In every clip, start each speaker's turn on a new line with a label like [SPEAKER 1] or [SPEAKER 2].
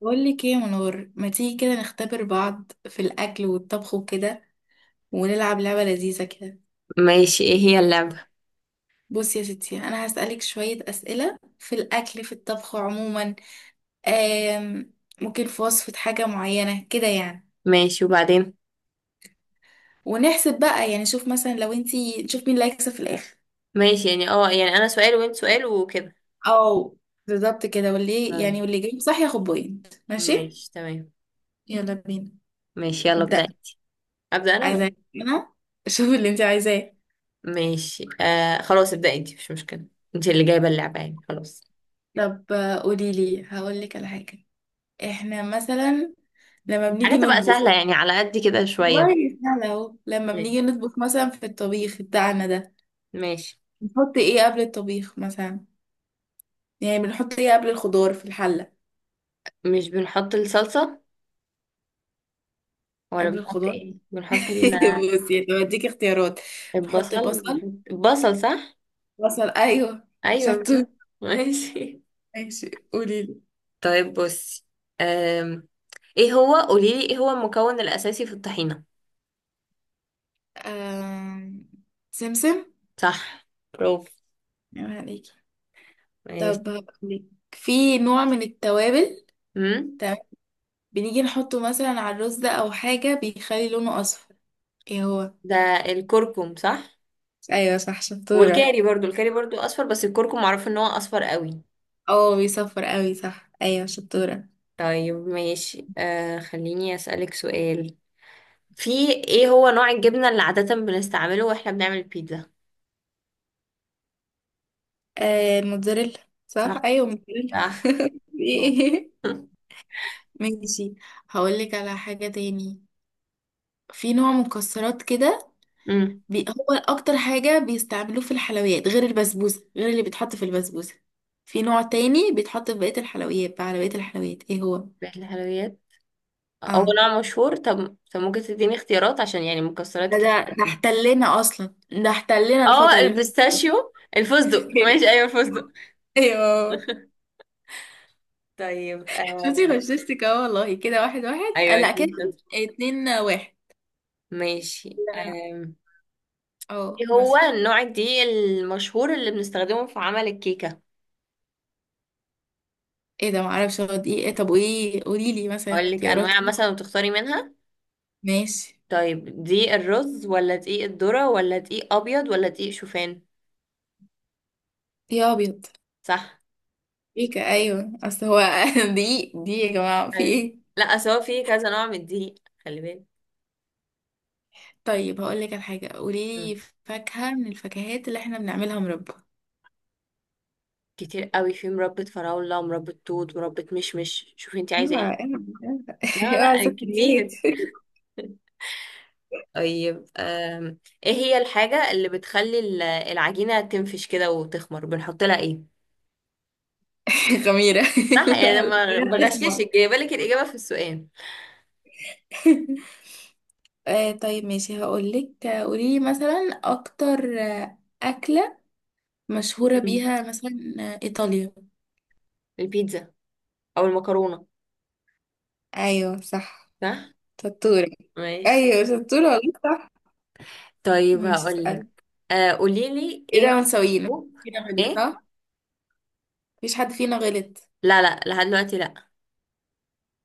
[SPEAKER 1] بقول لك ايه يا منور، ما تيجي كده نختبر بعض في الاكل والطبخ وكده، ونلعب لعبة لذيذة كده.
[SPEAKER 2] ماشي، ايه هي اللعبة؟
[SPEAKER 1] بصي يا ستي، انا هسألك شوية اسئلة في الاكل في الطبخ عموما. آم ممكن في وصفة حاجة معينة كده يعني.
[SPEAKER 2] ماشي، وبعدين؟
[SPEAKER 1] ونحسب بقى يعني، شوف مثلا لو انتي، نشوف مين اللي هيكسب في الاخر.
[SPEAKER 2] ماشي، يعني يعني انا سؤال وانت سؤال وكده.
[SPEAKER 1] او بالظبط كده، واللي
[SPEAKER 2] تمام.
[SPEAKER 1] يعني واللي جاي صح ياخد بوينت ماشي.
[SPEAKER 2] ماشي. تمام.
[SPEAKER 1] يلا بينا.
[SPEAKER 2] ماشي، يلا ابدأ
[SPEAKER 1] ابدأ.
[SPEAKER 2] انت. ابدأ انا ولا؟
[SPEAKER 1] عايزة انا، شوف اللي انتي عايزاه.
[SPEAKER 2] ماشي، آه، خلاص ابدأ انت، مش مشكلة. انت اللي جايبة اللعبة، يعني خلاص.
[SPEAKER 1] طب قولي لي هقول لك على حاجة. احنا مثلا لما
[SPEAKER 2] حاجة
[SPEAKER 1] بنيجي
[SPEAKER 2] تبقى
[SPEAKER 1] نطبخ،
[SPEAKER 2] سهلة يعني، على قد كده شوية.
[SPEAKER 1] والله سهلة اهو. لما
[SPEAKER 2] ماشي،
[SPEAKER 1] بنيجي نطبخ مثلا في الطبيخ بتاعنا ده،
[SPEAKER 2] ماشي.
[SPEAKER 1] بنحط ايه قبل الطبيخ مثلا؟ يعني بنحط ايه قبل الخضار في الحلة؟
[SPEAKER 2] مش بنحط الصلصة؟ ولا
[SPEAKER 1] قبل
[SPEAKER 2] بنحط
[SPEAKER 1] الخضار.
[SPEAKER 2] ايه؟ بنحط ال- آه،
[SPEAKER 1] بصي طب اديك اختيارات. نحط
[SPEAKER 2] البصل،
[SPEAKER 1] بصل.
[SPEAKER 2] بنحط البصل صح.
[SPEAKER 1] بصل ايوه.
[SPEAKER 2] ايوه،
[SPEAKER 1] شطور.
[SPEAKER 2] بنحط-. ماشي،
[SPEAKER 1] ماشي قولي لي.
[SPEAKER 2] طيب بصي. أم... ايه هو قوليلي ايه هو المكون الأساسي في الطحينة؟
[SPEAKER 1] آم... سمسم.
[SPEAKER 2] صح. برافو.
[SPEAKER 1] يا عليكي.
[SPEAKER 2] ماشي.
[SPEAKER 1] طب هقولك، في نوع من التوابل.
[SPEAKER 2] امم.
[SPEAKER 1] تمام. بنيجي نحطه مثلا على الرز ده، او حاجة بيخلي لونه اصفر، ايه هو؟
[SPEAKER 2] ده الكركم صح.
[SPEAKER 1] ايوه صح شطورة.
[SPEAKER 2] والكاري برضو اصفر، بس الكركم معروف ان هو اصفر قوي.
[SPEAKER 1] اه بيصفر قوي صح، ايوه شطورة.
[SPEAKER 2] طيب ماشي، خليني اسالك سؤال. في، ايه هو نوع الجبنه اللي عاده بنستعمله واحنا بنعمل البيتزا؟
[SPEAKER 1] الموتزاريلا. صح
[SPEAKER 2] صح.
[SPEAKER 1] ايوه موتزاريلا.
[SPEAKER 2] صح. برافو.
[SPEAKER 1] إيه؟ ماشي، هقولك على حاجة تاني. في نوع مكسرات كده.
[SPEAKER 2] امم.
[SPEAKER 1] هو اكتر حاجة بيستعملوه في الحلويات غير البسبوسة، غير اللي بيتحط في البسبوسة. في نوع تاني بيتحط في بقية الحلويات بقى، على بقية الحلويات، ايه هو؟
[SPEAKER 2] بيت الحلويات هو
[SPEAKER 1] اه،
[SPEAKER 2] نوع مشهور. طب طب، ممكن تديني اختيارات عشان يعني مكسرات
[SPEAKER 1] ده ده
[SPEAKER 2] كتير.
[SPEAKER 1] ده احتلنا اصلا، ده احتلنا
[SPEAKER 2] اه،
[SPEAKER 1] الفترة اللي
[SPEAKER 2] البيستاشيو،
[SPEAKER 1] فاتت.
[SPEAKER 2] الفستق. ماشي، ايوه الفستق.
[SPEAKER 1] ايوه.
[SPEAKER 2] طيب.
[SPEAKER 1] شفتي
[SPEAKER 2] آه.
[SPEAKER 1] غششتك اهو والله، كده واحد واحد
[SPEAKER 2] ايوه،
[SPEAKER 1] لا كده اتنين واحد.
[SPEAKER 2] ماشي.
[SPEAKER 1] لا،
[SPEAKER 2] ايه
[SPEAKER 1] اه
[SPEAKER 2] هو
[SPEAKER 1] مثلا.
[SPEAKER 2] النوع الدقيق المشهور اللي بنستخدمه في عمل الكيكة؟
[SPEAKER 1] ايه ده معرفش هو دي ايه، طب وايه قولي لي مثلا
[SPEAKER 2] اقول لك
[SPEAKER 1] اختيارات
[SPEAKER 2] انواع
[SPEAKER 1] كده.
[SPEAKER 2] مثلا وتختاري منها.
[SPEAKER 1] ماشي.
[SPEAKER 2] طيب، دقيق الرز ولا دقيق الذرة ولا دقيق ابيض ولا دقيق شوفان؟
[SPEAKER 1] يا ابيض.
[SPEAKER 2] صح.
[SPEAKER 1] ايه ايوه اصل هو، دي يا جماعه في
[SPEAKER 2] ايوه.
[SPEAKER 1] ايه.
[SPEAKER 2] لا، أصل هو في كذا نوع من الدقيق. خلي بالك.
[SPEAKER 1] طيب هقول لك على حاجه،
[SPEAKER 2] مم.
[SPEAKER 1] قولي لي فاكهه من الفاكهات اللي احنا بنعملها مربى.
[SPEAKER 2] كتير قوي، في مربى فراولة ومربى توت وربة مشمش، شوفي انت
[SPEAKER 1] اوعى
[SPEAKER 2] عايزة ايه.
[SPEAKER 1] اوعى اوعى،
[SPEAKER 2] لا،
[SPEAKER 1] اوعى
[SPEAKER 2] لا،
[SPEAKER 1] ست البيت.
[SPEAKER 2] كتير. طيب، ايه هي الحاجة اللي بتخلي العجينة تنفش كده وتخمر، بنحط لها ايه؟
[SPEAKER 1] خميره.
[SPEAKER 2] صح، يعني
[SPEAKER 1] لا لا.
[SPEAKER 2] أنا ما
[SPEAKER 1] تخمر.
[SPEAKER 2] بغششك، جايبه لك الاجابه في السؤال.
[SPEAKER 1] طيب ماشي هقولك، قوليلي مثلا أكتر أكلة مشهورة
[SPEAKER 2] مم.
[SPEAKER 1] بيها مثلا إيطاليا.
[SPEAKER 2] البيتزا او المكرونه.
[SPEAKER 1] أيوه صح
[SPEAKER 2] صح.
[SPEAKER 1] شطورة.
[SPEAKER 2] ماشي،
[SPEAKER 1] أيوه شطورة والله صح.
[SPEAKER 2] طيب
[SPEAKER 1] ماشي
[SPEAKER 2] هقول لك،
[SPEAKER 1] اسأل.
[SPEAKER 2] قولي لي ايه نوع
[SPEAKER 1] كده ونسوينا،
[SPEAKER 2] الحبوب.
[SPEAKER 1] فينا غلط
[SPEAKER 2] ايه؟
[SPEAKER 1] صح؟ مفيش حد فينا غلط.
[SPEAKER 2] لا لا، لحد دلوقتي لا.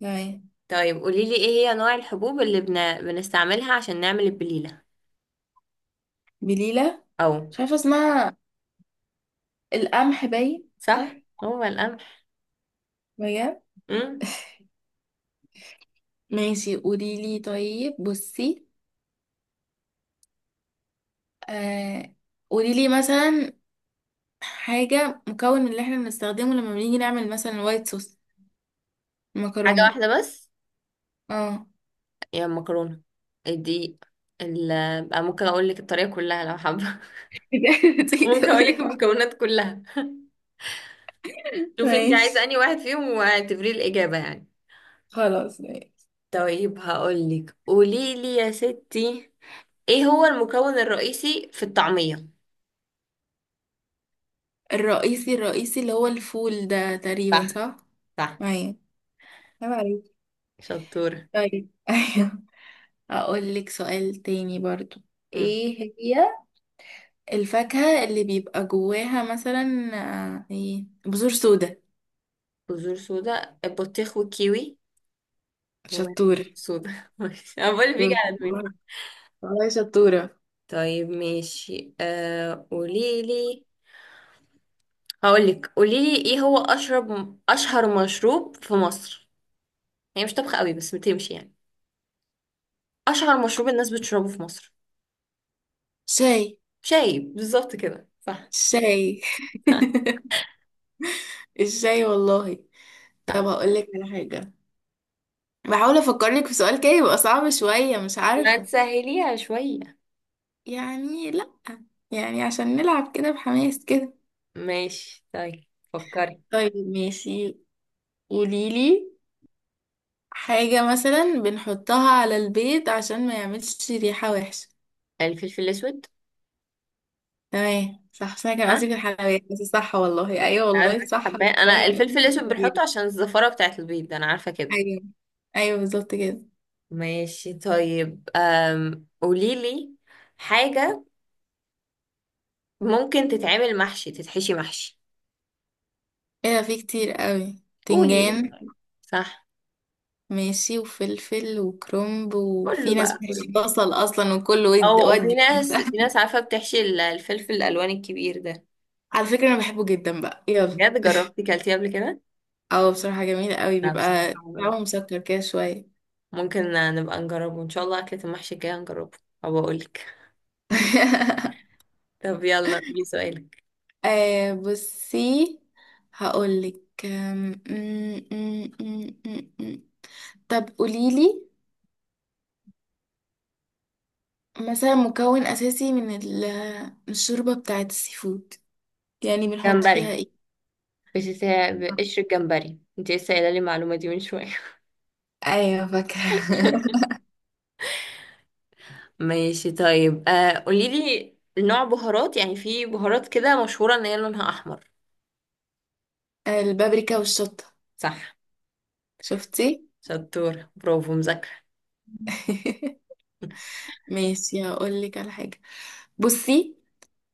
[SPEAKER 1] تمام.
[SPEAKER 2] طيب قولي لي، ايه هي نوع الحبوب اللي بنستعملها عشان نعمل البليله؟
[SPEAKER 1] بليلة.
[SPEAKER 2] او.
[SPEAKER 1] مش عارفة اسمها. القمح باين
[SPEAKER 2] صح،
[SPEAKER 1] صح؟
[SPEAKER 2] هو القمح.
[SPEAKER 1] بجد؟
[SPEAKER 2] امم.
[SPEAKER 1] ماشي قوليلي، طيب بصي. آه قوليلي مثلا حاجة، مكون اللي احنا بنستخدمه لما بنيجي نعمل مثلا وايت صوص،
[SPEAKER 2] حاجه
[SPEAKER 1] مكرونة.
[SPEAKER 2] واحده بس.
[SPEAKER 1] اه.
[SPEAKER 2] يا المكرونه، الدقيق، ال... بقى ممكن اقول لك الطريقه كلها لو حابه.
[SPEAKER 1] تيجي
[SPEAKER 2] ممكن اقول
[SPEAKER 1] تقولي.
[SPEAKER 2] لك المكونات كلها، شوف انت عايزه
[SPEAKER 1] ماشي
[SPEAKER 2] انهي واحد فيهم واعتبريه الاجابه يعني.
[SPEAKER 1] خلاص ماشي.
[SPEAKER 2] طيب هقولك، قوليلي يا ستي، ايه هو المكون الرئيسي في الطعميه؟
[SPEAKER 1] الرئيسي اللي هو الفول ده تقريبا،
[SPEAKER 2] صح.
[SPEAKER 1] صح؟
[SPEAKER 2] صح.
[SPEAKER 1] معايا. عيب عليك.
[SPEAKER 2] شطوره.
[SPEAKER 1] طيب، ايوه. اقول لك سؤال تاني برضو.
[SPEAKER 2] مم.
[SPEAKER 1] ايه هي الفاكهة اللي بيبقى جواها مثلا ايه، بذور سودا؟
[SPEAKER 2] بذور سودا، البطيخ والكيوي. هو بذور
[SPEAKER 1] شطورة.
[SPEAKER 2] سودا. ماشي. انا بقول بيجي على دماغي.
[SPEAKER 1] والله شطورة.
[SPEAKER 2] طيب ماشي، قوليلي، هقولك، قوليلي ايه هو اشهر مشروب في مصر. هي مش طبخة قوي بس بتمشي يعني. اشهر مشروب الناس بتشربه في مصر.
[SPEAKER 1] شاي.
[SPEAKER 2] شاي، بالظبط كده صح.
[SPEAKER 1] شاي. الشاي والله.
[SPEAKER 2] صح.
[SPEAKER 1] طب هقول لك على حاجة، بحاول افكر لك في سؤال كده يبقى صعب شوية، مش
[SPEAKER 2] ما
[SPEAKER 1] عارفة.
[SPEAKER 2] تسهليها شوية.
[SPEAKER 1] يعني لا، يعني عشان نلعب كده بحماس كده.
[SPEAKER 2] ماشي، طيب فكري.
[SPEAKER 1] طيب ماشي قوليلي، حاجة مثلا بنحطها على البيت عشان ما يعملش ريحة وحشة.
[SPEAKER 2] الفلفل الأسود.
[SPEAKER 1] تمام صح، بس انا كان
[SPEAKER 2] ها.
[SPEAKER 1] قصدي في الحلويات، بس صح والله، ايوه والله
[SPEAKER 2] عايزك
[SPEAKER 1] صح،
[SPEAKER 2] حباه
[SPEAKER 1] أنا
[SPEAKER 2] أنا،
[SPEAKER 1] كان
[SPEAKER 2] الفلفل
[SPEAKER 1] قصدي في
[SPEAKER 2] الأسود بنحطه
[SPEAKER 1] الحلويات.
[SPEAKER 2] عشان الزفارة بتاعة البيض أنا عارفة كده.
[SPEAKER 1] ايوه. ايوه بالظبط كده.
[SPEAKER 2] ماشي، طيب. قوليلي حاجة ممكن تتعمل محشي، تتحشي محشي.
[SPEAKER 1] ايه ده، في كتير قوي،
[SPEAKER 2] قولي
[SPEAKER 1] تنجان
[SPEAKER 2] قولي. صح،
[SPEAKER 1] ماشي، وفلفل وكرنب، وفي
[SPEAKER 2] كله
[SPEAKER 1] ناس
[SPEAKER 2] بقى كله.
[SPEAKER 1] بتحشي بصل اصلا، وكله
[SPEAKER 2] أو، وفي
[SPEAKER 1] ودي.
[SPEAKER 2] ناس في ناس عارفة بتحشي الفلفل الألوان الكبير ده.
[SPEAKER 1] على فكرة انا بحبه جدا بقى، يلا.
[SPEAKER 2] بجد جربتي كلتيه قبل كده؟
[SPEAKER 1] اه بصراحة جميل قوي،
[SPEAKER 2] لا، بصراحة
[SPEAKER 1] بيبقى
[SPEAKER 2] ما جربت.
[SPEAKER 1] طعمه مسكر كده شوية.
[SPEAKER 2] ممكن نبقى نجربه إن شاء الله، أكلة المحشي الجاية نجربه. أو أقولك. طب يلا قولي سؤالك.
[SPEAKER 1] بصي هقولك، أم، أم، أم، أم، أم، أم. طب قوليلي مثلا، مكون أساسي من من الشوربة بتاعة السي فود، يعني بنحط فيها
[SPEAKER 2] جمبري.
[SPEAKER 1] ايه؟
[SPEAKER 2] بقشر الجمبري، انت لسه قايله لي المعلومه دي من شويه.
[SPEAKER 1] ايوه فاكرة.
[SPEAKER 2] ماشي طيب، قولي لي نوع بهارات، يعني في بهارات كده مشهوره ان هي لونها احمر.
[SPEAKER 1] البابريكا والشطة.
[SPEAKER 2] صح.
[SPEAKER 1] شفتي.
[SPEAKER 2] شطور. برافو. مذاكره.
[SPEAKER 1] ماشي هقولك على حاجة، بصي.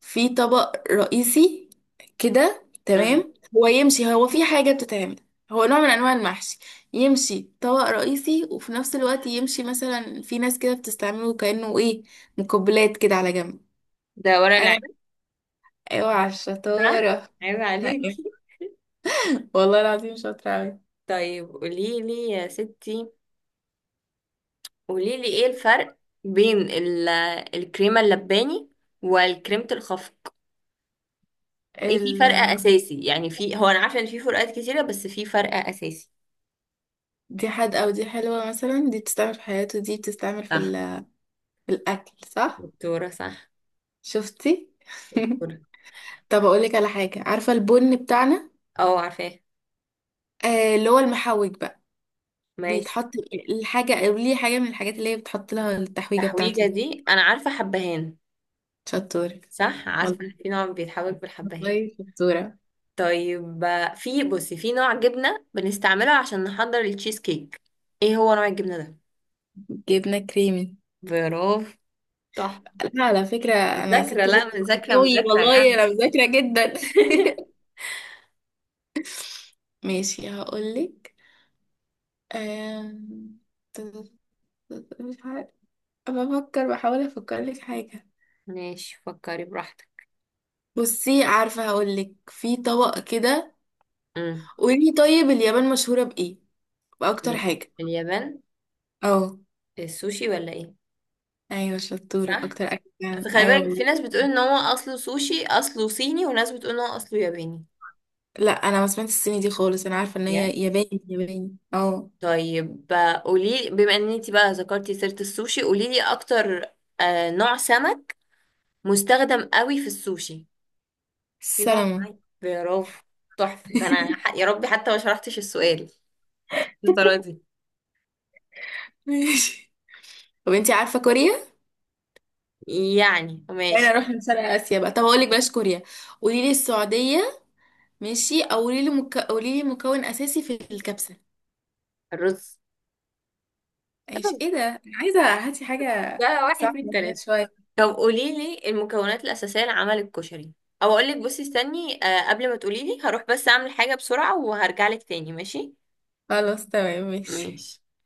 [SPEAKER 1] في طبق رئيسي كده،
[SPEAKER 2] مم.
[SPEAKER 1] تمام، هو يمشي، هو في حاجة بتتعمل، هو نوع من أنواع المحشي، يمشي طبق رئيسي، وفي نفس الوقت يمشي مثلا في ناس كده بتستعمله كأنه إيه، مقبلات كده على جنب.
[SPEAKER 2] ده ورق
[SPEAKER 1] أنا.
[SPEAKER 2] العنب.
[SPEAKER 1] أوعى
[SPEAKER 2] صح.
[SPEAKER 1] الشطارة.
[SPEAKER 2] عيب عليكي.
[SPEAKER 1] والله العظيم شاطرة أوي.
[SPEAKER 2] طيب قولي لي يا ستي، قولي لي ايه الفرق بين الكريمه اللباني والكريمه الخفق. إيه في
[SPEAKER 1] ال...
[SPEAKER 2] فرق اساسي؟ يعني في، هو انا عارفه ان في فروقات كتيره، بس في فرق اساسي.
[SPEAKER 1] دي حد، أو دي حلوة مثلا، دي بتستعمل في حياته، دي بتستعمل في،
[SPEAKER 2] صح.
[SPEAKER 1] في الأكل صح؟
[SPEAKER 2] دكتوره صح.
[SPEAKER 1] شفتي؟
[SPEAKER 2] دكتورة.
[SPEAKER 1] طب أقولك على حاجة، عارفة البن بتاعنا،
[SPEAKER 2] اه عارفاه.
[SPEAKER 1] اللي هو المحوج بقى،
[SPEAKER 2] ماشي.
[SPEAKER 1] بيتحط الحاجة، أو ليه حاجة من الحاجات اللي هي بتحط لها التحويجة
[SPEAKER 2] التحويجه
[SPEAKER 1] بتاعته.
[SPEAKER 2] دي انا عارفه، حبهان.
[SPEAKER 1] شطور.
[SPEAKER 2] صح، عارفه
[SPEAKER 1] والله
[SPEAKER 2] في نوع بيتحوج بالحبهان.
[SPEAKER 1] والله شطورة.
[SPEAKER 2] طيب في، بصي، في نوع جبنه بنستعمله عشان نحضر التشيز كيك. ايه هو نوع الجبنه ده؟
[SPEAKER 1] جبنة كريمي.
[SPEAKER 2] برافو. تحفه.
[SPEAKER 1] لا على فكرة أنا
[SPEAKER 2] مذاكره.
[SPEAKER 1] ست
[SPEAKER 2] لا،
[SPEAKER 1] بيت
[SPEAKER 2] مذاكره،
[SPEAKER 1] قوي
[SPEAKER 2] مذاكره
[SPEAKER 1] والله،
[SPEAKER 2] يعني.
[SPEAKER 1] أنا مذاكرة جدا. ماشي هقولك، أم، مش عارفة، بفكر بحاول أفكر لك حاجة.
[SPEAKER 2] ماشي، فكري براحتك.
[SPEAKER 1] بصي عارفة، هقولك في طبق كده.
[SPEAKER 2] امم.
[SPEAKER 1] قولي طيب، اليابان مشهورة بإيه؟ بأكتر حاجة.
[SPEAKER 2] اليابان.
[SPEAKER 1] اه.
[SPEAKER 2] السوشي ولا ايه؟
[SPEAKER 1] ايوه شطورة،
[SPEAKER 2] صح.
[SPEAKER 1] أكتر أكل فعلاً.
[SPEAKER 2] فخلي بالك، في
[SPEAKER 1] أيوة.
[SPEAKER 2] ناس بتقول ان هو اصله سوشي اصله صيني، وناس بتقول ان هو اصله ياباني.
[SPEAKER 1] لا انا ما سمعتش الصيني دي خالص، انا عارفه ان هي
[SPEAKER 2] بجد.
[SPEAKER 1] ياباني، ياباني اه.
[SPEAKER 2] طيب قولي بما ان انتي بقى ذكرتي سيرة السوشي، قولي لي اكتر. نوع سمك مستخدم قوي في السوشي. في نوع
[SPEAKER 1] سلامة.
[SPEAKER 2] معين. برافو. تحفة. ده انا يا ربي، حتى ما شرحتش السؤال، الطريقة دي.
[SPEAKER 1] ماشي. طب انتي عارفه كوريا،
[SPEAKER 2] يعني
[SPEAKER 1] بعدين
[SPEAKER 2] ماشي.
[SPEAKER 1] اروح لشرق اسيا بقى، طب اقول لك بلاش كوريا، قولي لي السعوديه. ماشي. او قولي لي قولي لي مكون اساسي في الكبسه.
[SPEAKER 2] الرز.
[SPEAKER 1] ماشي،
[SPEAKER 2] الرز
[SPEAKER 1] ايه ده انا عايزه هاتي حاجه.
[SPEAKER 2] ده واحد من
[SPEAKER 1] صعبه كده
[SPEAKER 2] تلاتة.
[SPEAKER 1] شويه.
[SPEAKER 2] طب قولي لي المكونات الأساسية لعمل الكشري. او اقول لك، بصي استني، قبل ما تقولي لي هروح بس اعمل حاجة بسرعة وهرجع لك تاني ماشي.
[SPEAKER 1] خلاص تمام ماشي.
[SPEAKER 2] ماشي.